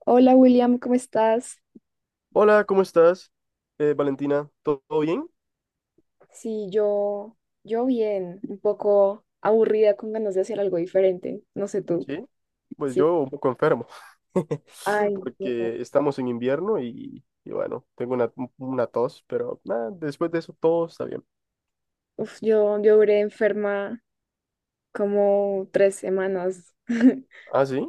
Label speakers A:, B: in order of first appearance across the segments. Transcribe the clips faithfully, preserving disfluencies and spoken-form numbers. A: Hola William, ¿cómo estás?
B: Hola, ¿cómo estás? Eh, Valentina, ¿todo todo bien?
A: Sí, yo, yo bien, un poco aburrida con ganas de hacer algo diferente, no sé tú.
B: Sí, pues
A: Sí.
B: yo un poco enfermo,
A: Ay, no.
B: porque estamos en invierno y, y bueno, tengo una, una tos, pero nada, después de eso todo está bien.
A: Uf, yo, yo duré enferma como tres semanas.
B: Ah, sí.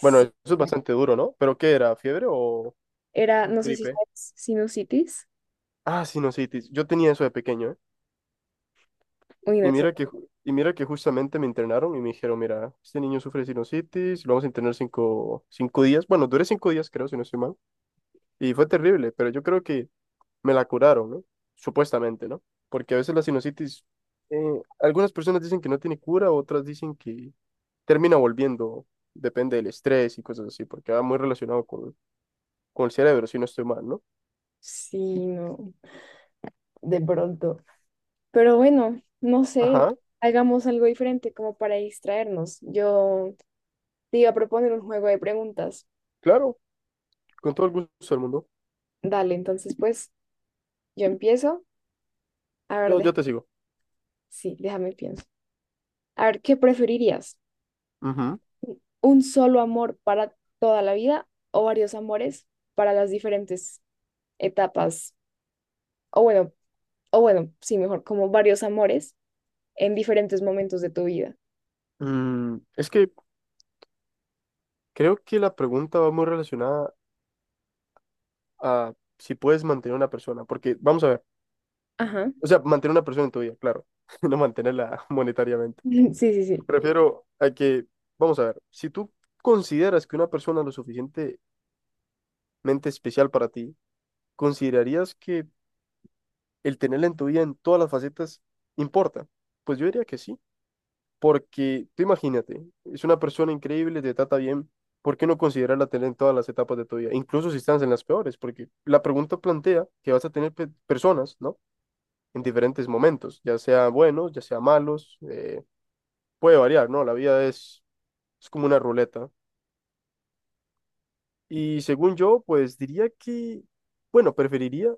B: Bueno, eso es bastante duro, ¿no? ¿Pero qué era? ¿Fiebre o
A: Era, no sé si
B: gripe?
A: sabes, sinusitis.
B: Ah, sinusitis. Yo tenía eso de pequeño, ¿eh?
A: Uy, no,
B: Y
A: eso
B: mira
A: no.
B: que, ju- y mira que justamente me internaron y me dijeron, mira, este niño sufre sinusitis, lo vamos a internar cinco, cinco días. Bueno, duré cinco días, creo, si no estoy mal. Y fue terrible, pero yo creo que me la curaron, ¿no? Supuestamente, ¿no? Porque a veces la sinusitis, eh, algunas personas dicen que no tiene cura, otras dicen que termina volviendo, depende del estrés y cosas así, porque va muy relacionado con, con el cerebro, si no estoy mal, ¿no?
A: Sí, no, de pronto. Pero bueno, no sé,
B: Ajá,
A: hagamos algo diferente como para distraernos. Yo te iba a proponer un juego de preguntas.
B: claro, con todo el gusto del mundo.
A: Dale, entonces pues. Yo empiezo. A ver,
B: Yo,
A: deja-
B: yo te sigo.
A: sí, déjame pienso. A ver, ¿qué preferirías?
B: Ujú.
A: ¿Un solo amor para toda la vida o varios amores para las diferentes etapas? O bueno, o bueno, sí, mejor, como varios amores en diferentes momentos de tu vida.
B: Mm, es que creo que la pregunta va muy relacionada a si puedes mantener a una persona, porque vamos a ver,
A: Ajá.
B: o sea, mantener a una persona en tu vida, claro, no mantenerla monetariamente.
A: Sí, sí, sí.
B: Prefiero a que, vamos a ver, si tú consideras que una persona es lo suficientemente especial para ti, ¿considerarías que el tenerla en tu vida en todas las facetas importa? Pues yo diría que sí, porque tú imagínate, es una persona increíble, te trata bien, ¿por qué no considerarla tener en todas las etapas de tu vida? Incluso si estás en las peores, porque la pregunta plantea que vas a tener pe- personas, ¿no? En diferentes momentos, ya sea buenos, ya sea malos, eh, puede variar, ¿no? La vida es, es como una ruleta. Y según yo, pues diría que, bueno, preferiría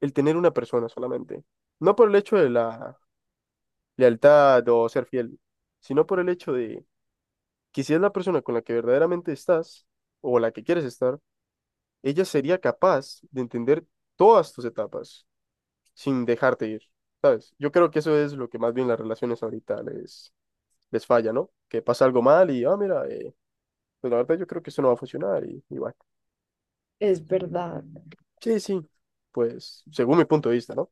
B: el tener una persona solamente. No por el hecho de la lealtad o ser fiel, sino por el hecho de que si es la persona con la que verdaderamente estás o la que quieres estar, ella sería capaz de entender todas tus etapas sin dejarte ir, ¿sabes? Yo creo que eso es lo que más bien las relaciones ahorita les, les falla, ¿no? Que pasa algo mal y, ah, mira, eh, pues la verdad yo creo que esto no va a funcionar y, y bueno.
A: Es verdad.
B: Sí, sí, pues según mi punto de vista, ¿no?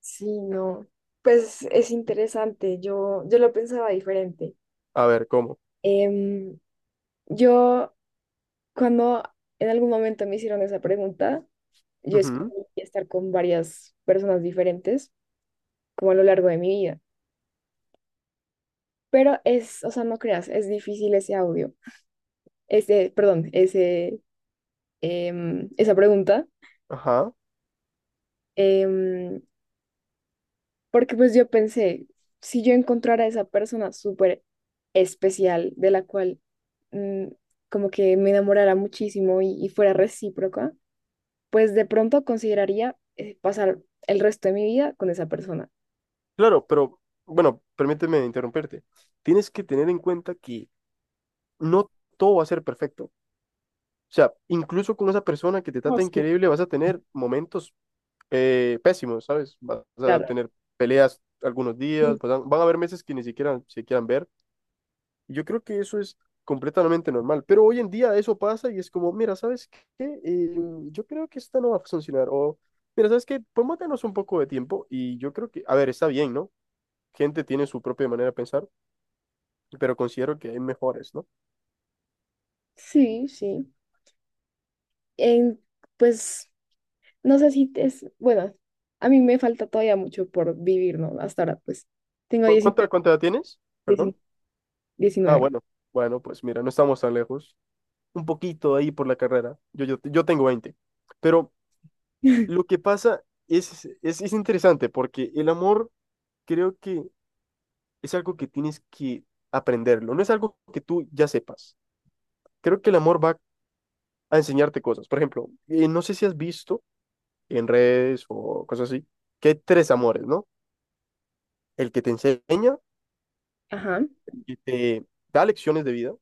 A: Sí, no. Pues es interesante. Yo, yo lo pensaba diferente.
B: A ver, ¿cómo?
A: Em, yo, cuando en algún momento me hicieron esa pregunta, yo
B: Ujú.
A: escogí estar con varias personas diferentes como a lo largo de mi vida. Pero es, o sea, no creas, es difícil ese audio, ese, perdón, ese, em, esa pregunta,
B: Ajá.
A: em, porque pues yo pensé, si yo encontrara esa persona súper especial de la cual mm, como que me enamorara muchísimo y, y fuera recíproca, pues de pronto consideraría eh, pasar el resto de mi vida con esa persona.
B: Claro, pero bueno, permíteme interrumpirte. Tienes que tener en cuenta que no todo va a ser perfecto. O sea, incluso con esa persona que te trata increíble, vas a tener momentos eh, pésimos, ¿sabes? Vas a
A: Claro.
B: tener peleas algunos días,
A: Sí,
B: vas a- van a haber meses que ni siquiera se quieran ver. Yo creo que eso es completamente normal, pero hoy en día eso pasa y es como, mira, ¿sabes qué? Eh, yo creo que esta no va a funcionar, o mira, ¿sabes qué? Podemos darnos un poco de tiempo y yo creo que, a ver, está bien, ¿no? Gente tiene su propia manera de pensar, pero considero que hay mejores, ¿no?
A: sí, sí. En, pues, no sé si es, bueno, a mí me falta todavía mucho por vivir, ¿no? Hasta ahora, pues, tengo
B: ¿Cu- ¿Cuánta,
A: diecinueve.
B: cuánta edad tienes? Perdón.
A: 19.
B: Ah,
A: diecinueve.
B: bueno, bueno, pues mira, no estamos tan lejos, un poquito ahí por la carrera, yo, yo, yo tengo veinte, pero lo que pasa es, es, es interesante porque el amor creo que es algo que tienes que aprenderlo, no es algo que tú ya sepas. Creo que el amor va a enseñarte cosas. Por ejemplo, eh, no sé si has visto en redes o cosas así, que hay tres amores, ¿no? El que te enseña,
A: Ajá.
B: el que te da lecciones de vida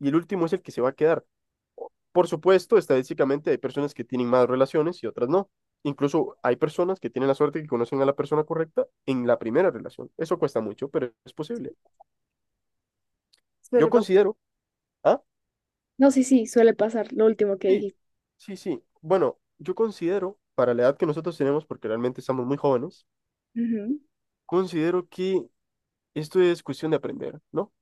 B: y el último es el que se va a quedar. Por supuesto, estadísticamente hay personas que tienen más relaciones y otras no. Incluso hay personas que tienen la suerte que conocen a la persona correcta en la primera relación. Eso cuesta mucho, pero es posible. Yo
A: Suele pasar.
B: considero, ¿ah?
A: No, sí, sí, suele pasar lo último que
B: Sí,
A: dijiste.
B: sí, sí. Bueno, yo considero, para la edad que nosotros tenemos, porque realmente estamos muy jóvenes,
A: Ujú.
B: considero que esto es cuestión de aprender, ¿no?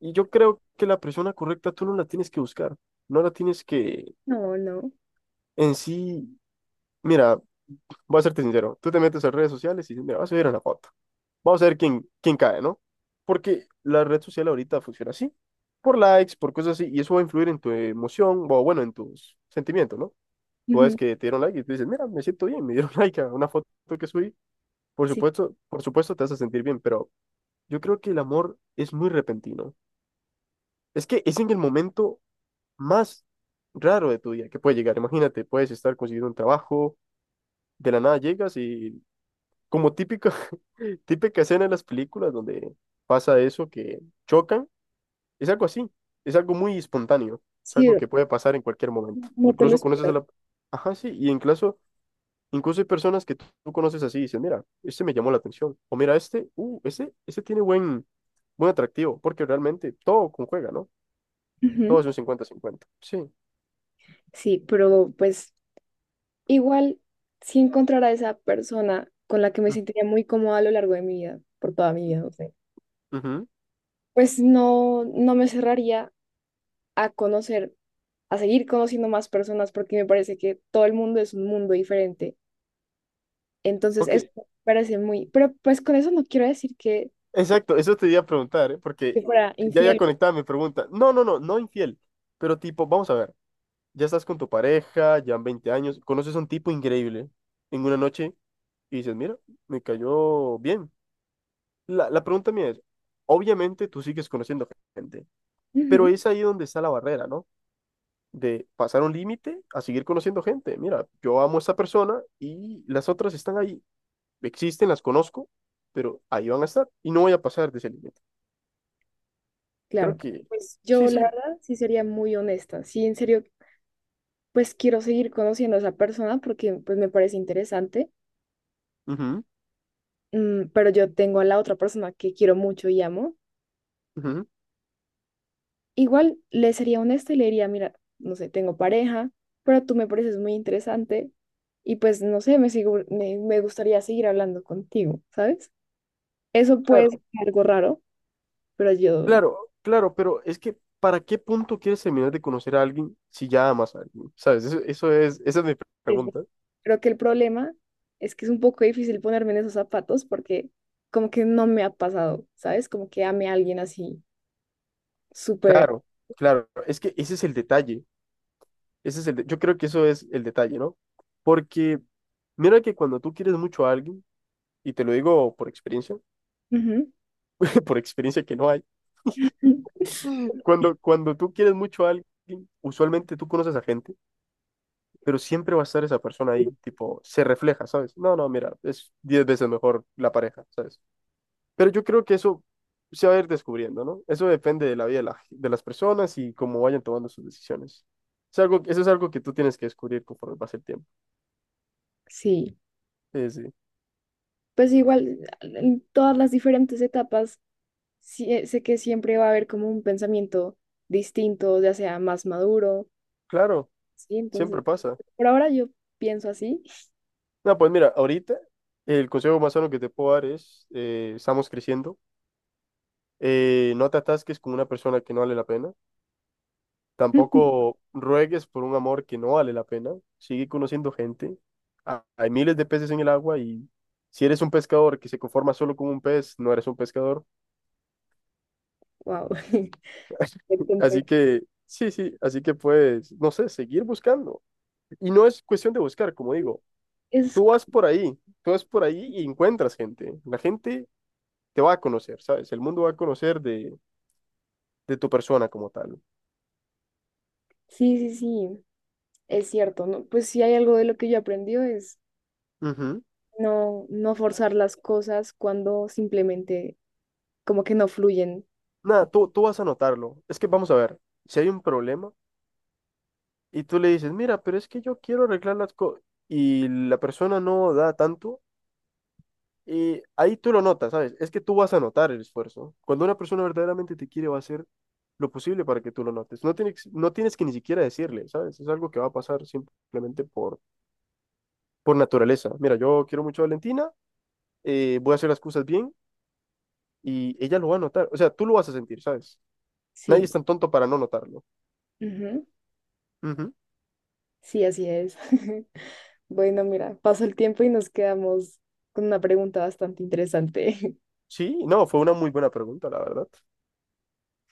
B: Y yo creo que la persona correcta tú no la tienes que buscar, no la tienes que
A: No, no.
B: en sí, mira, voy a serte sincero, tú te metes a redes sociales y dices, mira, vas a subir una foto, vamos a ver quién, quién cae, ¿no? Porque la red social ahorita funciona así, por likes, por cosas así, y eso va a influir en tu emoción, o bueno, en tus sentimientos, ¿no? Tú ves
A: Ujú.
B: que te dieron like y tú dices, mira, me siento bien, me dieron like a una foto que subí. Por
A: Sí,
B: supuesto, por supuesto te hace sentir bien, pero yo creo que el amor es muy repentino. Es que es en el momento más raro de tu día que puede llegar. Imagínate, puedes estar consiguiendo un trabajo, de la nada llegas y como típica, típica escena de las películas donde pasa eso, que chocan, es algo así, es algo muy espontáneo, es
A: sí,
B: algo que puede pasar en cualquier momento.
A: no te lo
B: Incluso conoces a
A: espero.
B: la. Ajá, sí, y incluso Incluso hay personas que tú, tú conoces así y dices, mira, este me llamó la atención. O mira, este, uh, ese, ese tiene buen, buen atractivo, porque realmente todo conjuga, ¿no? Todo
A: Ujú.
B: es un cincuenta-cincuenta. Sí.
A: Sí, pero pues igual sí encontrar a esa persona con la que me
B: Mm,
A: sentiría muy cómoda a lo largo de mi vida, por toda mi vida, no sé.
B: ujú.
A: Pues no, no me cerraría a conocer a seguir conociendo más personas porque me parece que todo el mundo es un mundo diferente. Entonces,
B: Ok,
A: eso me parece muy, pero pues con eso no quiero decir que,
B: exacto, eso te iba a preguntar, ¿eh?
A: que
B: Porque
A: fuera
B: ya ya
A: infiel.
B: conectado mi pregunta. No, no, no, no infiel. Pero tipo, vamos a ver, ya estás con tu pareja, ya han veinte años, conoces a un tipo increíble en una noche y dices, mira, me cayó bien. La, la pregunta mía es, obviamente tú sigues conociendo gente. Pero
A: Ujú,
B: es ahí donde está la barrera, ¿no? De pasar un límite a seguir conociendo gente. Mira, yo amo a esta persona y las otras están ahí. Existen, las conozco, pero ahí van a estar y no voy a pasar de ese límite. Creo
A: claro,
B: que
A: pues
B: sí,
A: yo la
B: sí.
A: verdad sí sería muy honesta. Sí, en serio, pues quiero seguir conociendo a esa persona porque pues me parece interesante,
B: Ujú,
A: mm, pero yo tengo a la otra persona que quiero mucho y amo.
B: ujú.
A: Igual le sería honesta y le diría, mira, no sé, tengo pareja, pero tú me pareces muy interesante y pues no sé, me sigo, me, me gustaría seguir hablando contigo, ¿sabes? Eso puede ser
B: Claro,
A: algo raro, pero yo
B: claro, claro, pero es que ¿para qué punto quieres terminar de conocer a alguien si ya amas a alguien? ¿Sabes? Eso, eso es, esa es mi
A: es ver-
B: pregunta.
A: creo que el problema es que es un poco difícil ponerme en esos zapatos porque como que no me ha pasado, ¿sabes? Como que ame a alguien así, súper.
B: Claro, claro. Es que ese es el detalle. Ese es el de- yo creo que eso es el detalle, ¿no? Porque mira que cuando tú quieres mucho a alguien, y te lo digo por experiencia,
A: Ujú.
B: por experiencia que no hay, cuando, cuando tú quieres mucho a alguien, usualmente tú conoces a gente, pero siempre va a estar esa persona ahí, tipo, se refleja, ¿sabes? No, no, mira, es diez veces mejor la pareja, ¿sabes? Pero yo creo que eso se va a ir descubriendo, ¿no? Eso depende de la vida de, la- de las personas y cómo vayan tomando sus decisiones. Es algo, eso es algo que tú tienes que descubrir conforme pasa el tiempo.
A: Sí,
B: Sí, sí.
A: pues igual en todas las diferentes etapas sí, eh, sé que siempre va a haber como un pensamiento distinto, ya sea más maduro,
B: Claro.
A: ¿sí? Entonces,
B: Siempre pasa.
A: por ahora yo pienso así.
B: No, pues mira, ahorita el consejo más sano que te puedo dar es, eh, estamos creciendo, eh, no te atasques con una persona que no vale la pena, tampoco ruegues por un amor que no vale la pena, sigue conociendo gente. Ha- hay miles de peces en el agua y si eres un pescador que se conforma solo con un pez, no eres un pescador.
A: Wow. Entonces,
B: Así que, sí, sí, así que puedes, no sé, seguir buscando. Y no es cuestión de buscar, como digo,
A: es,
B: tú
A: co-
B: vas por ahí, tú vas por ahí y encuentras gente. La gente te va a conocer, ¿sabes? El mundo va a conocer de, de tu persona como tal.
A: sí, sí, sí, es cierto, ¿no? Pues sí hay algo de lo que yo aprendí es
B: Ujú.
A: no, no forzar las cosas cuando simplemente como que no fluyen.
B: Nada, tú, tú vas a notarlo. Es que vamos a ver, si hay un problema y tú le dices, mira, pero es que yo quiero arreglar las cosas y la persona no da tanto, y ahí tú lo notas, ¿sabes? Es que tú vas a notar el esfuerzo. Cuando una persona verdaderamente te quiere, va a hacer lo posible para que tú lo notes. No tienes, no tienes que ni siquiera decirle, ¿sabes? Es algo que va a pasar simplemente por, por naturaleza. Mira, yo quiero mucho a Valentina, eh, voy a hacer las cosas bien y ella lo va a notar. O sea, tú lo vas a sentir, ¿sabes? Nadie es
A: Sí.
B: tan tonto para no notarlo.
A: Ujú.
B: Ujú.
A: Sí, así es. Bueno, mira, pasó el tiempo y nos quedamos con una pregunta bastante interesante.
B: Sí, no, fue una muy buena pregunta, la verdad.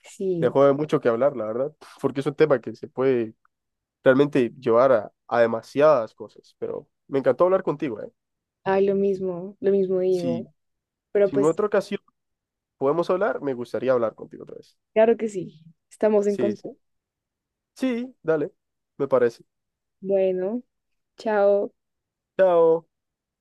A: Sí.
B: Dejó de mucho que hablar, la verdad, porque es un tema que se puede realmente llevar a, a demasiadas cosas, pero me encantó hablar contigo, ¿eh?
A: Ay, lo mismo, lo mismo
B: Si,
A: digo. Pero
B: si en
A: pues,
B: otra ocasión podemos hablar, me gustaría hablar contigo otra vez.
A: claro que sí. Estamos en
B: Sí,
A: contacto.
B: sí. Sí, dale, me parece.
A: Bueno, chao.
B: Chao.